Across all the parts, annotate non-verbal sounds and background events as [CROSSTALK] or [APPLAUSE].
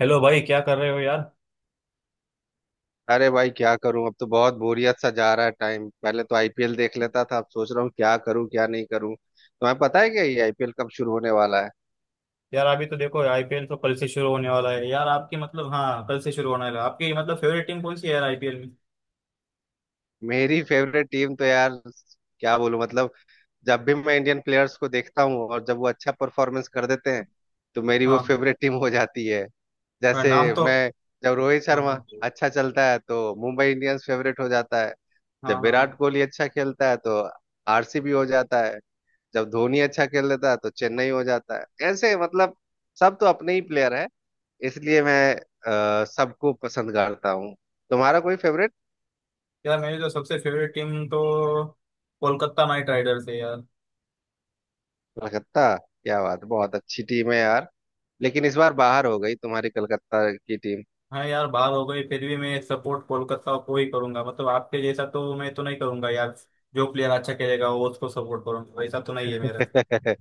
Hello भाई, क्या कर रहे हो यार। अरे भाई क्या करूं। अब तो बहुत बोरियत सा जा रहा है टाइम। पहले तो आईपीएल देख लेता था, अब सोच रहा हूँ क्या करूं क्या नहीं करूं। तुम्हें पता है क्या ये आईपीएल कब शुरू होने वाला है? यार अभी तो देखो, आईपीएल तो कल से शुरू होने वाला है यार। आपकी मतलब हाँ, कल से शुरू होने वाला है। आपकी मतलब फेवरेट टीम कौन सी है यार आईपीएल में? मेरी फेवरेट टीम तो यार, क्या बोलूं मतलब, जब भी मैं इंडियन प्लेयर्स को देखता हूं और जब वो अच्छा परफॉर्मेंस कर देते हैं तो मेरी वो हाँ, फेवरेट टीम हो जाती है। पर जैसे नाम तो। मैं जब रोहित हाँ शर्मा हाँ अच्छा चलता है तो मुंबई इंडियंस फेवरेट हो जाता है। हाँ जब हाँ हाँ। विराट कोहली अच्छा खेलता है तो आरसीबी हो जाता है। जब धोनी अच्छा खेल लेता है तो चेन्नई हो जाता है। ऐसे मतलब सब तो अपने ही प्लेयर है, इसलिए मैं सबको पसंद करता हूँ। तुम्हारा कोई फेवरेट? यार मेरी तो सबसे फेवरेट टीम तो कोलकाता नाइट राइडर्स है यार। कलकत्ता, क्या बात, बहुत अच्छी टीम है यार। लेकिन इस बार बाहर हो गई तुम्हारी कलकत्ता की टीम। हाँ यार, बाहर हो गई, फिर भी मैं सपोर्ट कोलकाता को ही करूंगा। मतलब आपके जैसा तो मैं तो नहीं करूंगा यार, जो प्लेयर अच्छा खेलेगा वो उसको सपोर्ट करूंगा, वैसा तो नहीं है मेरा। [LAUGHS]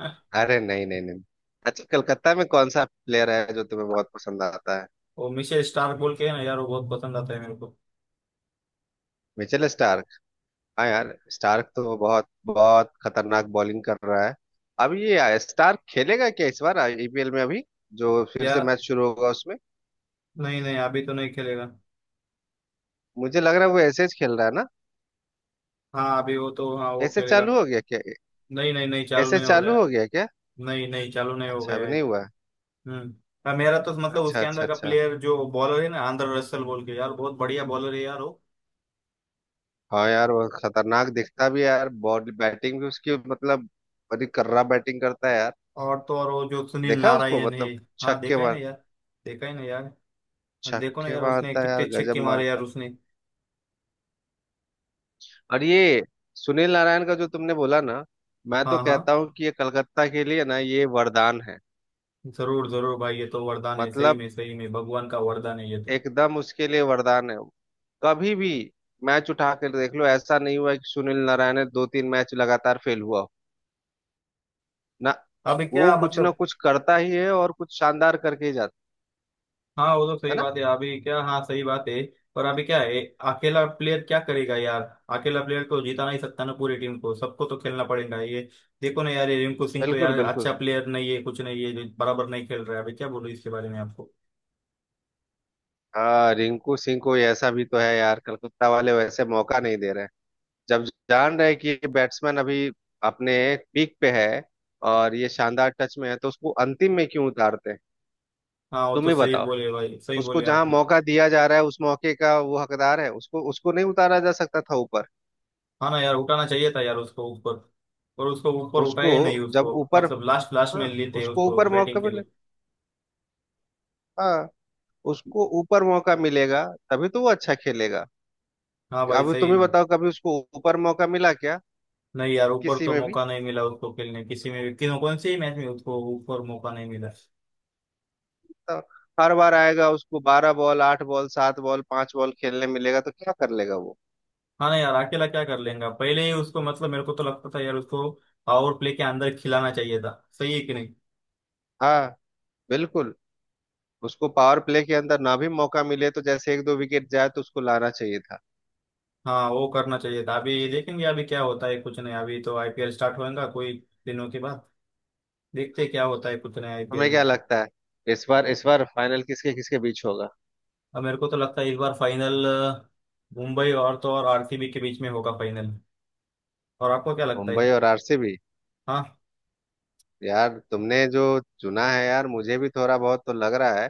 [LAUGHS] अरे नहीं नहीं नहीं। अच्छा, कलकत्ता में कौन सा प्लेयर है जो तुम्हें बहुत पसंद आता है? वो मिशेल स्टार्क बोल के है ना यार, वो बहुत पसंद आता है मेरे को। Mitchell Starc. हाँ यार, स्टार्क तो बहुत बहुत खतरनाक बॉलिंग कर रहा है। अब ये स्टार्क खेलेगा क्या इस बार आईपीएल में, अभी जो फिर से यार मैच शुरू होगा उसमें? नहीं नहीं, अभी तो नहीं खेलेगा। मुझे लग रहा है वो ऐसे ही खेल रहा है ना। हाँ अभी वो तो, हाँ वो ऐसे खेलेगा। चालू हो गया क्या? नहीं नहीं नहीं, चालू ऐसे नहीं हो गया चालू है। हो गया क्या? नहीं नहीं, चालू नहीं हो अच्छा, गया अभी है। नहीं हुआ है। हम्म। हाँ, मेरा तो मतलब अच्छा उसके अच्छा अंदर का अच्छा। प्लेयर जो बॉलर है ना, आंद्रे रसल बोल के, यार बहुत बढ़िया बॉलर है यार वो। हाँ यार, वो खतरनाक दिखता भी है यार। बॉडी बैटिंग भी उसकी मतलब, बड़ी कर्रा बैटिंग करता है यार। और तो और, वो जो सुनील देखा उसको नारायण है। मतलब, हाँ छक्के देखा है ना मार यार, देखा है ना यार। हाँ, देखो ना छक्के यार, उसने मारता है यार, कितने गजब छक्के मारे मारता यार है। उसने। और ये सुनील नारायण का जो तुमने बोला ना, मैं तो हाँ हाँ। कहता हूँ कि ये कलकत्ता के लिए ना ये वरदान है। जरूर जरूर भाई, ये तो वरदान है, मतलब सही में भगवान का वरदान है ये तो। एकदम उसके लिए वरदान है। कभी भी मैच उठा कर देख लो, ऐसा नहीं हुआ कि सुनील नारायण ने 2 3 मैच लगातार फेल हुआ हो। ना, अब वो क्या कुछ ना मतलब। कुछ करता ही है और कुछ शानदार करके ही जाता हाँ वो तो है सही ना। बात है। अभी क्या, हाँ सही बात है। पर अभी क्या है, अकेला प्लेयर क्या करेगा यार? अकेला प्लेयर को जिता नहीं सकता ना, पूरी टीम को सबको तो खेलना पड़ेगा ये। देखो ना यार, ये रिंकू सिंह तो बिल्कुल यार बिल्कुल। अच्छा प्लेयर नहीं है, कुछ नहीं है, जो बराबर नहीं खेल रहा है अभी। क्या बोलूं इसके बारे में आपको? हाँ, रिंकू सिंह को ऐसा भी तो है यार, कलकत्ता वाले वैसे मौका नहीं दे रहे हैं। जब जान रहे कि ये बैट्समैन अभी अपने पीक पे है और ये शानदार टच में है, तो उसको अंतिम में क्यों उतारते हैं? हाँ वो तुम तो ही सही बताओ। बोले भाई, सही उसको बोले जहां आप। मौका दिया जा रहा है उस मौके का वो हकदार है, उसको उसको नहीं उतारा जा सकता था ऊपर। हाँ ना यार, उठाना चाहिए था यार उसको ऊपर। पर उसको ऊपर उठाया उसको ही नहीं जब उसको। ऊपर मतलब लास्ट लास्ट में हाँ लेते उसको उसको ऊपर मौका बैटिंग के मिले, लिए। हाँ, उसको ऊपर मौका मिलेगा तभी तो वो अच्छा खेलेगा। हाँ भाई अभी सही। तुम ही बताओ, कभी उसको ऊपर मौका मिला क्या? नहीं यार, ऊपर किसी तो में भी? मौका नहीं मिला उसको खेलने, किसी में भी, किसी कौन से ही मैच में उसको ऊपर मौका नहीं मिला। तो हर बार आएगा उसको 12 बॉल 8 बॉल 7 बॉल 5 बॉल खेलने मिलेगा, तो क्या कर लेगा वो? हाँ ना यार, अकेला क्या कर लेगा? पहले ही उसको मतलब मेरे को तो लगता था यार, उसको पावर प्ले के अंदर खिलाना चाहिए था। सही है कि नहीं? हाँ, बिल्कुल। उसको पावर प्ले के अंदर ना भी मौका मिले तो जैसे 1 2 विकेट जाए तो उसको लाना चाहिए था। हाँ वो करना चाहिए था। अभी देखेंगे अभी क्या होता है, कुछ नहीं। अभी तो आईपीएल स्टार्ट होएगा कोई दिनों के बाद। देखते हैं क्या होता है, कुछ नहीं हमें आईपीएल क्या में। लगता है इस बार, इस बार फाइनल किसके किसके बीच होगा? अब मेरे को तो लगता है इस बार फाइनल मुंबई और तो और आरसीबी के बीच में होगा फाइनल। और आपको क्या लगता है? मुंबई और आरसीबी, हाँ। यार तुमने जो चुना है यार मुझे भी थोड़ा बहुत तो लग रहा है,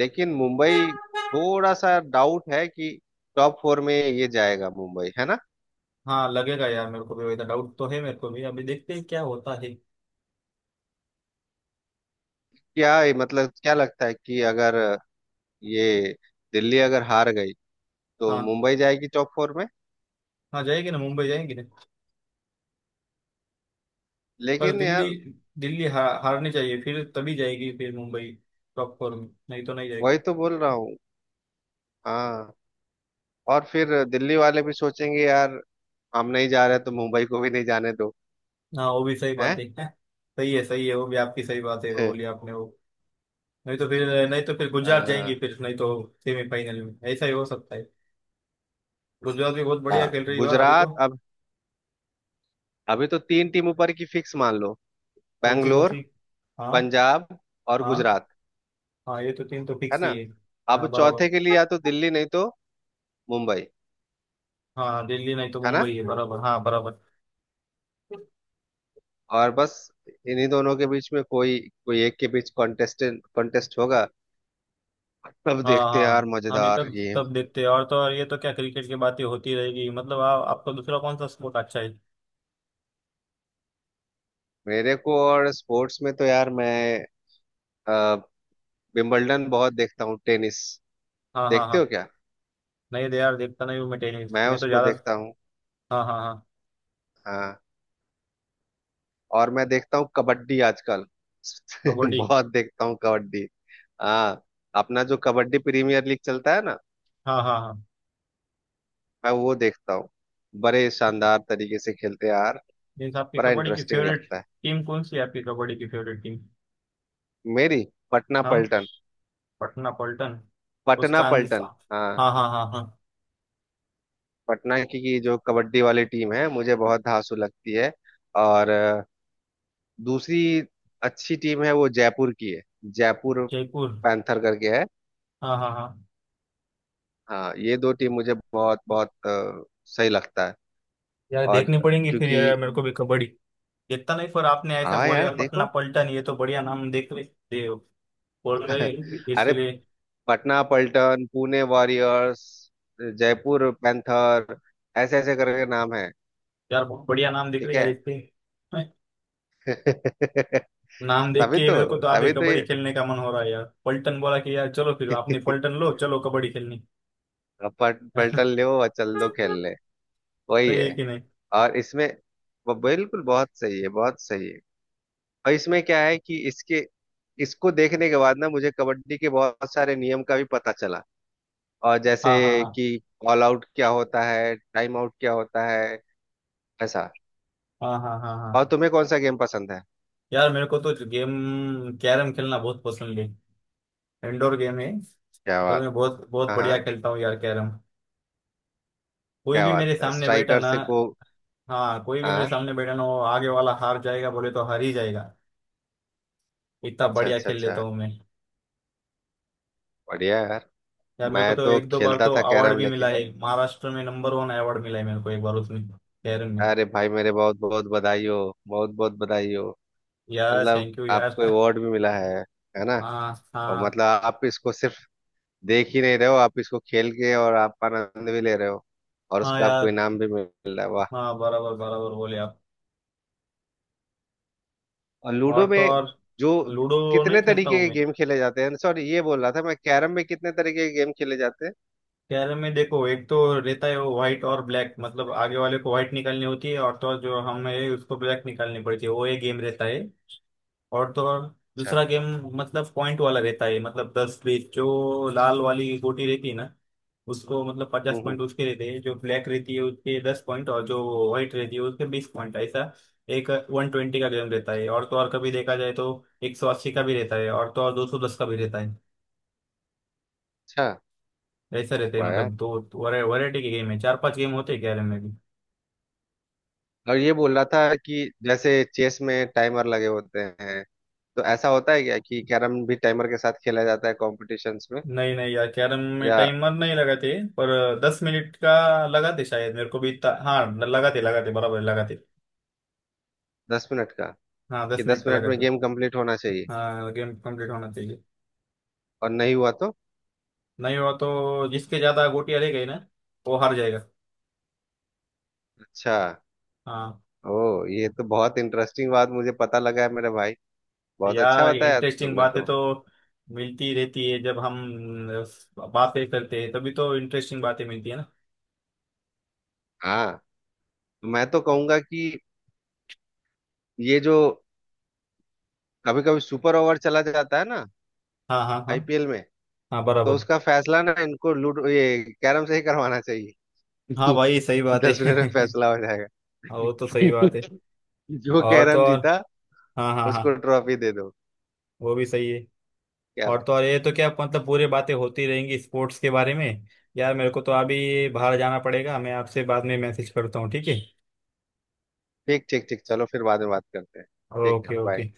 लेकिन मुंबई थोड़ा सा डाउट है कि टॉप फोर में ये जाएगा मुंबई, है ना? हाँ लगेगा यार, मेरे को भी वैसा डाउट तो है मेरे को भी। अभी देखते हैं क्या होता है। क्या मतलब, क्या लगता है कि अगर ये दिल्ली अगर हार गई तो हाँ। मुंबई जाएगी टॉप फोर में? हाँ जाएगी ना, मुंबई जाएंगे। पर लेकिन यार, दिल्ली, दिल्ली हारनी चाहिए फिर, तभी जाएगी फिर मुंबई टॉप फोर में, नहीं तो नहीं जाएगी। वही तो बोल रहा हूँ। हाँ, और फिर दिल्ली वाले भी सोचेंगे यार, हम नहीं जा रहे तो मुंबई को भी नहीं जाने दो। हाँ वो भी सही बात हैं? है। [LAUGHS] सही है सही है, वो भी आपकी सही बात है, वो बोली [LAUGHS] आपने वो। नहीं तो फिर, नहीं तो फिर गुजरात जाएंगी अ, फिर, नहीं तो सेमीफाइनल में ऐसा ही हो सकता है। गुजरात भी बहुत बढ़िया हाँ, खेल रही है बार अभी तो। गुजरात अब। अभी तो तीन टीम ऊपर की फिक्स मान लो, कौन सी कौन बैंगलोर, सी? हाँ। पंजाब और हाँ गुजरात। हाँ, ये तो तीन तो है फिक्स ना? ही है। अब हाँ बराबर। चौथे के लिए या तो दिल्ली नहीं तो मुंबई। हाँ दिल्ली नहीं तो है ना? मुंबई है बराबर, हाँ बराबर। और बस इन्हीं दोनों के बीच में कोई कोई एक के बीच कॉन्टेस्ट होगा। तब हाँ देखते हैं यार, हाँ। अभी मजेदार तक गेम। सब देखते हैं। और तो और ये तो क्या, क्रिकेट की बातें होती रहेगी। मतलब आपको दूसरा कौन सा स्पोर्ट अच्छा है? मेरे को और स्पोर्ट्स में तो यार मैं अ, विंबलडन बहुत देखता हूँ, टेनिस। हाँ हाँ देखते हाँ। हो क्या? नहीं दे यार, देखता नहीं हूँ मैं टेनिस, मैं मैं तो उसको ज्यादा। देखता हूँ। हाँ हाँ हाँ। हाँ। और मैं देखता हूँ कबड्डी आजकल। [LAUGHS] कबड्डी। बहुत देखता हूँ कबड्डी। हाँ। अपना जो कबड्डी प्रीमियर लीग चलता है ना, हाँ हाँ हाँ। मैं वो देखता हूँ। बड़े शानदार तरीके से खेलते हैं यार, मीन्स आपकी बड़ा कबड्डी की इंटरेस्टिंग फेवरेट लगता है। टीम कौन सी है आपकी कबड्डी की फेवरेट टीम? मेरी पटना हाँ पलटन। पटना पलटन। पटना उसका पलटन, आंसर। हाँ। हाँ हाँ हाँ हाँ। पटना की जो कबड्डी वाली टीम है मुझे बहुत धांसू लगती है। और दूसरी अच्छी टीम है वो जयपुर की है। जयपुर जयपुर। पैंथर करके है। हाँ हाँ हाँ। हाँ, ये दो टीम मुझे बहुत बहुत सही लगता है। यार और देखनी पड़ेंगी फिर क्योंकि, यार मेरे को भी कबड्डी। देखता नहीं, पर आपने ऐसा हाँ यार बोले पटना देखो। पलटन, ये तो बढ़िया नाम। बोल रहे [LAUGHS] अरे, इसके लिए। पटना पल्टन, पुणे वॉरियर्स, जयपुर पैंथर, ऐसे ऐसे करके नाम है। यार बहुत बढ़िया नाम दिख ठीक रही है है। यार इसके। हैं? [LAUGHS] नाम देख तभी के ही तो मेरे को तो अभी तभी तो कबड्डी ये। खेलने का मन हो रहा है यार। पलटन बोला कि यार चलो, फिर आपने पलटन [LAUGHS] लो, चलो कबड्डी खेलने। अब पलटन [LAUGHS] ले सही और चल दो खेलने। वही है है। कि नहीं? और इसमें वो, बिल्कुल बहुत सही है, बहुत सही है। और इसमें क्या है कि इसके, इसको देखने के बाद ना मुझे कबड्डी के बहुत सारे नियम का भी पता चला। और जैसे हाँ हाँ हाँ कि ऑल आउट क्या होता है, टाइम आउट क्या होता है, ऐसा। हाँ हाँ हाँ और हाँ। तुम्हें कौन सा गेम पसंद है? यार मेरे को तो गेम कैरम खेलना बहुत पसंद है। इंडोर गेम है। क्या पर बात। मैं बहुत बहुत हाँ बढ़िया हाँ। खेलता हूँ यार कैरम। कोई क्या भी बात मेरे है, सामने बैठा स्ट्राइकर ना। से को। हाँ कोई भी मेरे हाँ। सामने बैठा ना, वो आगे वाला हार जाएगा, बोले तो हार ही जाएगा। इतना अच्छा बढ़िया अच्छा खेल लेता अच्छा, हूँ मैं। बढ़िया यार। यार मेरे को मैं तो तो एक दो बार खेलता तो था अवार्ड कैरम, भी मिला लेकिन है। महाराष्ट्र में नंबर वन अवार्ड मिला है मेरे को एक बार उसमें केरन में। अरे भाई, मेरे बहुत बहुत बधाई हो, बहुत बहुत बधाई हो। यार मतलब थैंक यू यार। आपको [LAUGHS] अवार्ड भी मिला है ना? हाँ और हाँ मतलब आप इसको सिर्फ देख ही नहीं रहे हो, आप इसको खेल के और आप आनंद भी ले रहे हो, और हाँ उसका आपको यार। इनाम भी मिल रहा है, वाह। हाँ बराबर बराबर बोले आप। और लूडो और तो में और जो लूडो। नहीं कितने खेलता तरीके हूँ के मैं। गेम खेले जाते हैं, सॉरी, ये बोल रहा था मैं कैरम में कितने तरीके के गेम खेले जाते हैं? कैरम में देखो, एक तो रहता है वो व्हाइट और ब्लैक, मतलब आगे वाले को व्हाइट निकालनी होती है, और तो और जो हम है उसको ब्लैक निकालनी पड़ती है। वो एक गेम रहता है। और तो और अच्छा। दूसरा गेम मतलब पॉइंट वाला रहता है। मतलब दस बीस, जो लाल वाली गोटी रहती है ना, उसको मतलब पचास हम्म हम्म, पॉइंट उसके रहते हैं। जो ब्लैक रहती है उसके 10 पॉइंट, और जो व्हाइट रहती है उसके 20 पॉइंट, ऐसा। एक 120 का गेम रहता है, और तो और कभी देखा जाए तो 180 का भी रहता है, और तो और 210 का भी रहता है। अच्छा, ऐसा रहते हैं। वाह यार। मतलब दो वैरायटी के गेम है, चार पांच गेम होते हैं कैरम में भी। और ये बोल रहा था कि जैसे चेस में टाइमर लगे होते हैं, तो ऐसा होता है क्या कि कैरम भी टाइमर के साथ खेला जाता है कॉम्पिटिशन्स में? नहीं नहीं यार, कैरम में या टाइमर नहीं लगाते। पर 10 मिनट का लगाते शायद, मेरे को भी हाँ लगाते लगाते, बराबर लगाते। 10 मिनट का? हाँ कि दस दस मिनट का मिनट में लगाते। गेम कंप्लीट होना चाहिए? हाँ गेम कंप्लीट होना चाहिए। और नहीं हुआ तो? नहीं हुआ तो जिसके ज्यादा गोटियां रह गई ना, वो हार जाएगा। अच्छा, हाँ। ओ, ये तो बहुत इंटरेस्टिंग बात मुझे पता लगा है मेरे भाई, बहुत यार अच्छा बताया इंटरेस्टिंग तुमने बातें तो। तो मिलती रहती है जब हम बातें करते हैं, तभी तो इंटरेस्टिंग बातें मिलती है ना। हाँ, तो मैं तो कहूंगा कि ये जो कभी कभी सुपर ओवर चला जाता है ना हाँ हाँ हाँ आईपीएल में, हाँ तो बराबर। उसका फैसला ना इनको लूडो ये कैरम से ही करवाना चाहिए। हाँ भाई सही [LAUGHS] बात 10 मिनट में है। [LAUGHS] फैसला हो हाँ, वो तो सही जाएगा। बात है। [LAUGHS] जो और तो कैरम और। जीता हाँ हाँ उसको हाँ। ट्रॉफी दे दो। वो भी सही है। क्या। और तो और ये तो क्या, मतलब पूरी बातें होती रहेंगी स्पोर्ट्स के बारे में। यार मेरे को तो अभी बाहर जाना पड़ेगा, मैं आपसे बाद में मैसेज करता हूँ, ठीक है। ठीक ठीक ठीक, चलो फिर बाद में बात करते हैं। ठीक है, ओके बाय। ओके।